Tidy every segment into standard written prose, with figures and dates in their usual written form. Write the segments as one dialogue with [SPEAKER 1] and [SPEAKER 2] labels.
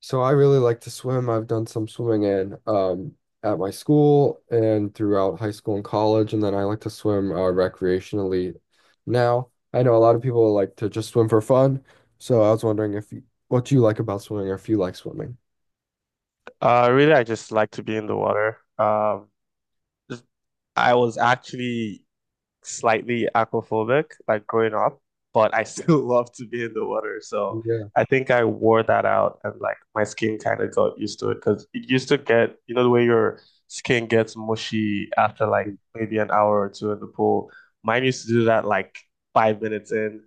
[SPEAKER 1] So I really like to swim. I've done some swimming in at my school and throughout high school and college, and then I like to swim recreationally now. I know a lot of people like to just swim for fun, so I was wondering if you, what you like about swimming or if you like swimming.
[SPEAKER 2] Really, I just like to be in the water. Just- I was actually slightly aquaphobic, like growing up, but I still love to be in the water. So
[SPEAKER 1] Yeah.
[SPEAKER 2] I think I wore that out, and like my skin kind of got used to it because it used to get the way your skin gets mushy after like maybe an hour or two in the pool. Mine used to do that like 5 minutes in,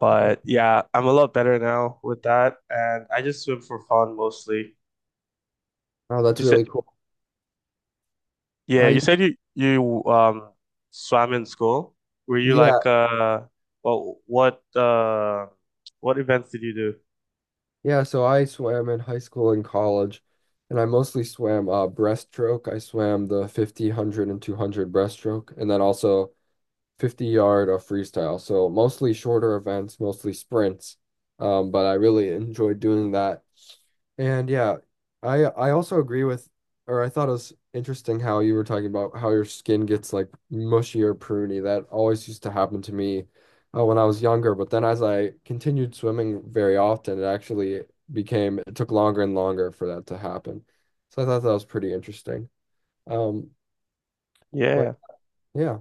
[SPEAKER 2] but yeah, I'm a lot better now with that, and I just swim for fun mostly.
[SPEAKER 1] Oh, that's really cool.
[SPEAKER 2] Yeah, you
[SPEAKER 1] I
[SPEAKER 2] said you swam in school. Were you
[SPEAKER 1] yeah,
[SPEAKER 2] like well what uh what events did you do?
[SPEAKER 1] yeah, so I swam in high school and college, and I mostly swam breaststroke. I swam the 50, one hundred, and two hundred breaststroke, and then also 50 yard of freestyle. So mostly shorter events, mostly sprints. But I really enjoyed doing that. And yeah, I also agree or I thought it was interesting how you were talking about how your skin gets like mushy or pruny. That always used to happen to me when I was younger. But then as I continued swimming very often, it actually became, it took longer and longer for that to happen. So I thought that was pretty interesting. Um, but
[SPEAKER 2] Yeah.
[SPEAKER 1] yeah,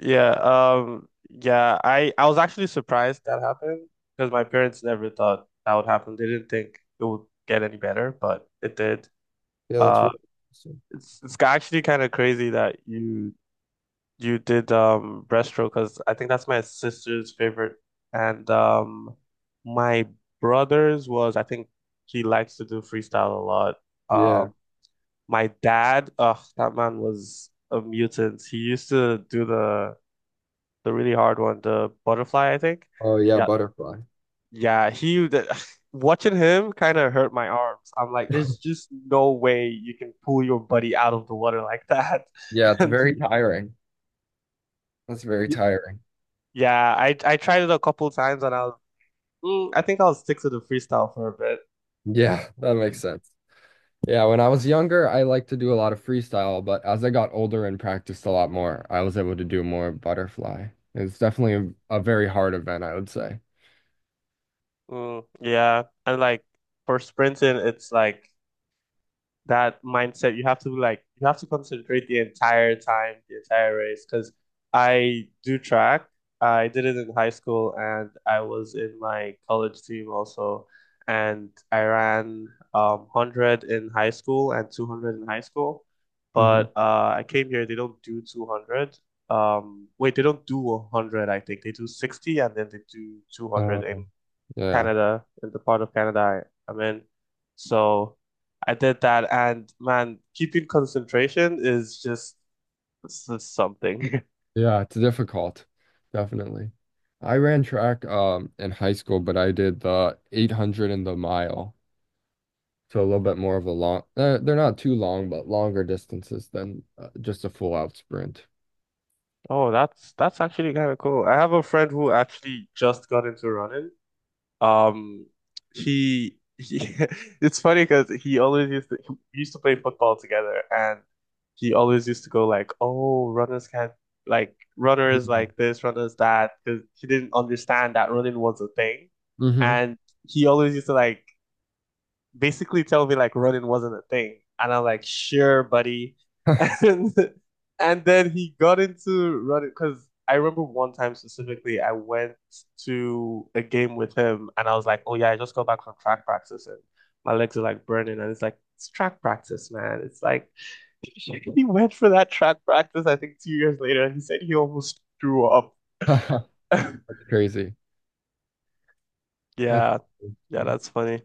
[SPEAKER 2] Yeah, yeah, I was actually surprised that happened because my parents never thought that would happen. They didn't think it would get any better, but it did.
[SPEAKER 1] yeah, that's
[SPEAKER 2] Uh
[SPEAKER 1] really interesting.
[SPEAKER 2] it's actually kind of crazy that you did breaststroke because I think that's my sister's favorite, and my brother's was, I think, he likes to do freestyle a lot. Uh,
[SPEAKER 1] Yeah.
[SPEAKER 2] my dad, oh that man was a mutant. He used to do the really hard one, the butterfly, I think.
[SPEAKER 1] Oh yeah,
[SPEAKER 2] Yeah,
[SPEAKER 1] butterfly.
[SPEAKER 2] yeah. Watching him kind of hurt my arms. I'm like, there's just no way you can pull your buddy out of the water like that.
[SPEAKER 1] Yeah, it's
[SPEAKER 2] And
[SPEAKER 1] very tiring. That's very tiring.
[SPEAKER 2] yeah, I tried it a couple times and I was, mm, I think I'll stick to the freestyle for a bit.
[SPEAKER 1] Yeah, that makes sense. Yeah, when I was younger, I liked to do a lot of freestyle, but as I got older and practiced a lot more, I was able to do more butterfly. It's definitely a very hard event, I would say.
[SPEAKER 2] Mm, yeah, and like for sprinting, it's like that mindset. You have to like you have to concentrate the entire time, the entire race. Because I do track. I did it in high school, and I was in my college team also. And I ran 100 in high school and 200 in high school.
[SPEAKER 1] hmm
[SPEAKER 2] But I came here. They don't do 200. Wait, they don't do 100. I think they do 60, and then they do 200
[SPEAKER 1] Uh,
[SPEAKER 2] in
[SPEAKER 1] yeah,
[SPEAKER 2] Canada, in the part of Canada I'm in. So I did that, and man, keeping concentration is just, it's just something.
[SPEAKER 1] yeah, it's difficult, definitely. I ran track in high school, but I did the 800 and the mile. So a little bit more of a long, they're not too long, but longer distances than just a full out sprint.
[SPEAKER 2] Oh, that's actually kind of cool. I have a friend who actually just got into running. Um, he it's funny because he always used to, he used to play football together, and he always used to go like, "Oh, runners can't, like runners like this, runners that," because he didn't understand that running was a thing,
[SPEAKER 1] Mm-hmm.
[SPEAKER 2] and he always used to like basically tell me like running wasn't a thing. And I'm like, sure, buddy. And and then he got into running because I remember one time specifically, I went to a game with him and I was like, oh yeah, I just got back from track practice and my legs are like burning. And it's like, it's track practice, man. It's like, he went for that track practice, I think 2 years later, and he said he almost threw up.
[SPEAKER 1] That's crazy. That's
[SPEAKER 2] Yeah. Yeah,
[SPEAKER 1] interesting.
[SPEAKER 2] that's funny.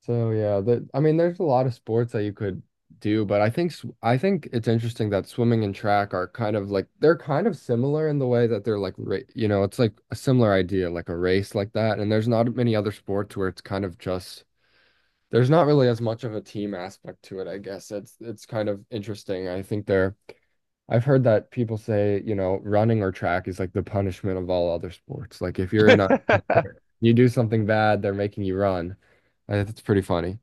[SPEAKER 1] So yeah, that I mean, there's a lot of sports that you could do, but I think I think it's interesting that swimming and track are kind of like they're kind of similar in the way that they're like it's like a similar idea, like a race like that. And there's not many other sports where it's kind of just there's not really as much of a team aspect to it, I guess. It's kind of interesting. I think they're I've heard that people say, running or track is like the punishment of all other sports. Like if you're in a you do something bad, they're making you run. I think that's pretty funny.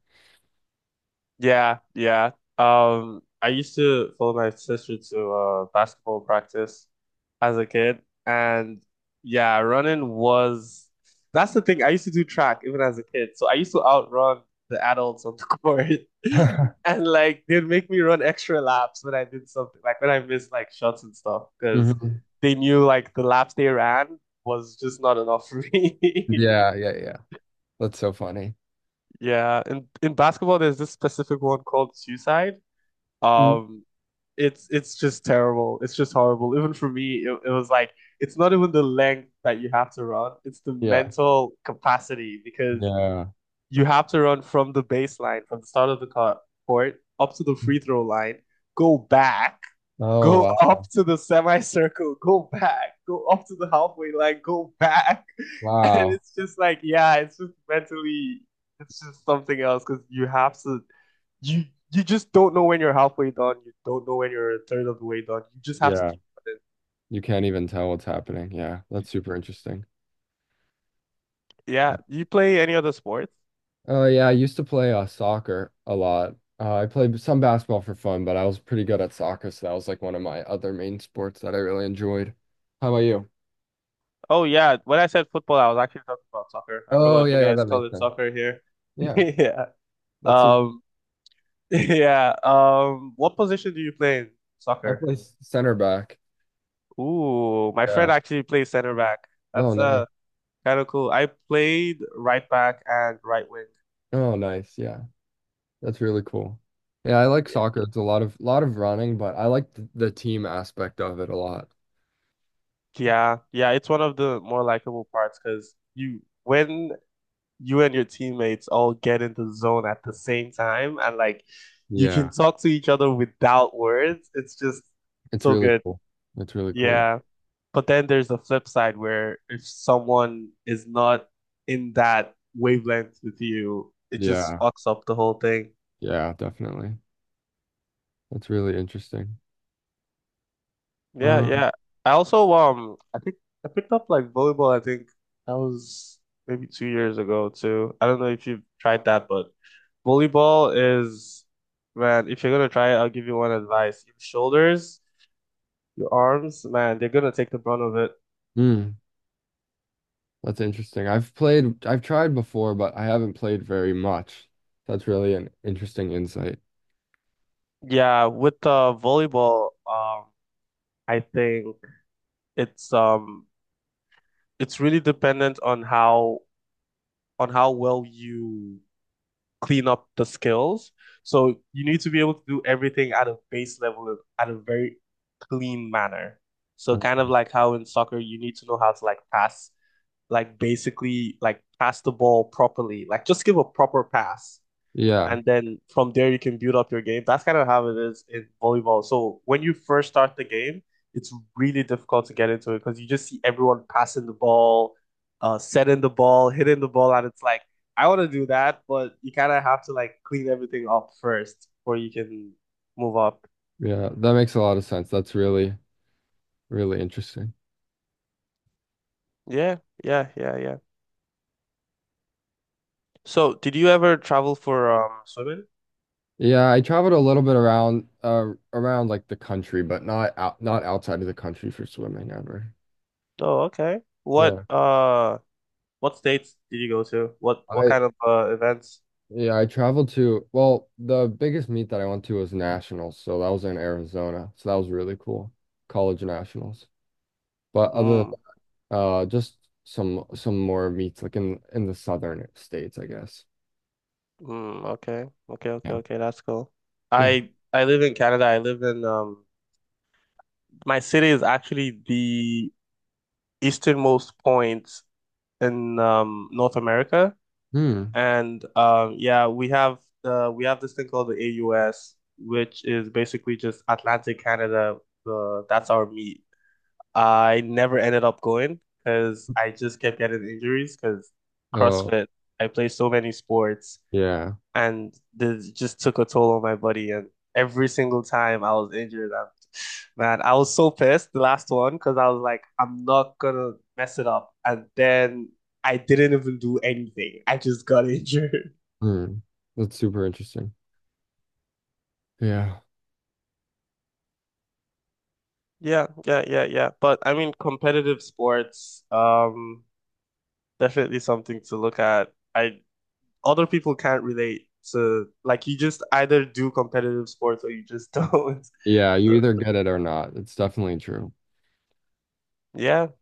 [SPEAKER 2] Yeah, yeah. I used to follow my sister to basketball practice as a kid, and yeah, running was, that's the thing. I used to do track even as a kid, so I used to outrun the adults on the court, and like they'd make me run extra laps when I did something, like when I missed like shots and stuff, because
[SPEAKER 1] hmm
[SPEAKER 2] they knew like the laps they ran was just not enough for me.
[SPEAKER 1] Yeah, yeah, yeah. That's so funny.
[SPEAKER 2] Yeah, in basketball, there's this specific one called suicide.
[SPEAKER 1] Mm.
[SPEAKER 2] Um, it's just terrible. It's just horrible. Even for me, it was like it's not even the length that you have to run; it's the
[SPEAKER 1] Yeah.
[SPEAKER 2] mental capacity because
[SPEAKER 1] Yeah.
[SPEAKER 2] you have to run from the baseline, from the start of the court up to the free throw line, go back,
[SPEAKER 1] Oh,
[SPEAKER 2] go up
[SPEAKER 1] wow.
[SPEAKER 2] to the semicircle, go back, go up to the halfway line, go back. And
[SPEAKER 1] Wow.
[SPEAKER 2] it's just like, yeah, it's just mentally, it's just something else because you have to, you you just don't know when you're halfway done. You don't know when you're a third of the way done. You just have to
[SPEAKER 1] Yeah.
[SPEAKER 2] keep running.
[SPEAKER 1] You can't even tell what's happening. Yeah. That's super interesting.
[SPEAKER 2] Yeah. You play any other sports?
[SPEAKER 1] Oh yeah, I used to play soccer a lot. I played some basketball for fun, but I was pretty good at soccer, so that was like one of my other main sports that I really enjoyed. How about you?
[SPEAKER 2] Oh yeah. When I said football, I was actually talking about soccer. I
[SPEAKER 1] Oh
[SPEAKER 2] forgot you
[SPEAKER 1] yeah, yeah,
[SPEAKER 2] guys
[SPEAKER 1] that
[SPEAKER 2] call
[SPEAKER 1] makes
[SPEAKER 2] it
[SPEAKER 1] sense.
[SPEAKER 2] soccer here.
[SPEAKER 1] Yeah,
[SPEAKER 2] Yeah.
[SPEAKER 1] that's who
[SPEAKER 2] Um, yeah. What position do you play in
[SPEAKER 1] I
[SPEAKER 2] soccer?
[SPEAKER 1] play center back.
[SPEAKER 2] Ooh, my
[SPEAKER 1] Yeah.
[SPEAKER 2] friend actually plays center back.
[SPEAKER 1] Oh
[SPEAKER 2] That's
[SPEAKER 1] nice.
[SPEAKER 2] kind of cool. I played right back and right wing.
[SPEAKER 1] Oh nice. Yeah, that's really cool. Yeah, I like
[SPEAKER 2] It-
[SPEAKER 1] soccer. It's a lot of running, but I like the team aspect of it a lot.
[SPEAKER 2] Yeah, yeah, it's one of the more likable parts because you when you and your teammates all get into the zone at the same time and like you can
[SPEAKER 1] Yeah,
[SPEAKER 2] talk to each other without words, it's just
[SPEAKER 1] it's
[SPEAKER 2] so
[SPEAKER 1] really
[SPEAKER 2] good.
[SPEAKER 1] cool. It's really cool. Yeah.
[SPEAKER 2] Yeah. But then there's the flip side where if someone is not in that wavelength with you, it just
[SPEAKER 1] Yeah.
[SPEAKER 2] fucks up the whole thing.
[SPEAKER 1] Yeah, definitely. That's really interesting.
[SPEAKER 2] Yeah,
[SPEAKER 1] Um,
[SPEAKER 2] yeah. I also I think I picked up like volleyball, I think that was maybe 2 years ago too. I don't know if you've tried that, but volleyball is, man, if you're gonna try it, I'll give you one advice. Your shoulders, your arms, man, they're gonna take the brunt of it.
[SPEAKER 1] mm, That's interesting. I've played, I've tried before, but I haven't played very much. That's really an interesting insight.
[SPEAKER 2] Yeah, with volleyball, I think it's it's really dependent on how well you clean up the skills. So you need to be able to do everything at a base level of, at a very clean manner. So
[SPEAKER 1] Mm.
[SPEAKER 2] kind of like how in soccer you need to know how to like pass, like basically like pass the ball properly, like just give a proper pass
[SPEAKER 1] Yeah,
[SPEAKER 2] and then from there you can build up your game. That's kind of how it is in volleyball. So when you first start the game, it's really difficult to get into it because you just see everyone passing the ball, setting the ball, hitting the ball, and it's like I want to do that, but you kind of have to like clean everything up first before you can move up.
[SPEAKER 1] yeah, that makes a lot of sense. That's really, really interesting.
[SPEAKER 2] Yeah, yeah, yeah, yeah. So did you ever travel for swimming?
[SPEAKER 1] Yeah, I traveled a little bit around, around like the country, but not out, not outside of the country for swimming ever.
[SPEAKER 2] Oh, okay.
[SPEAKER 1] Yeah.
[SPEAKER 2] What states did you go to? What
[SPEAKER 1] I,
[SPEAKER 2] kind of events?
[SPEAKER 1] yeah, I traveled to, well, the biggest meet that I went to was nationals, so that was in Arizona. So that was really cool. College nationals. But other Just some more meats like in the southern states, I guess.
[SPEAKER 2] Mm, okay. Okay, okay,
[SPEAKER 1] Yeah.
[SPEAKER 2] okay. That's cool.
[SPEAKER 1] Yeah.
[SPEAKER 2] I live in Canada. I live in my city is actually the easternmost point in North America.
[SPEAKER 1] Hmm.
[SPEAKER 2] And yeah, we have this thing called the AUS, which is basically just Atlantic Canada. The That's our meet. I never ended up going because I just kept getting injuries because
[SPEAKER 1] Oh,
[SPEAKER 2] CrossFit. I play so many sports,
[SPEAKER 1] yeah.
[SPEAKER 2] and this just took a toll on my body. And every single time I was injured, man, I was so pissed the last one because I was like, I'm not gonna mess it up. And then I didn't even do anything. I just got injured.
[SPEAKER 1] Hmm. That's super interesting. Yeah.
[SPEAKER 2] Yeah, yeah, yeah, yeah. But I mean, competitive sports, definitely something to look at. I Other people can't relate to, like, you just either do competitive sports or you just don't.
[SPEAKER 1] Yeah, you
[SPEAKER 2] So
[SPEAKER 1] either get it or not. It's definitely true.
[SPEAKER 2] yeah,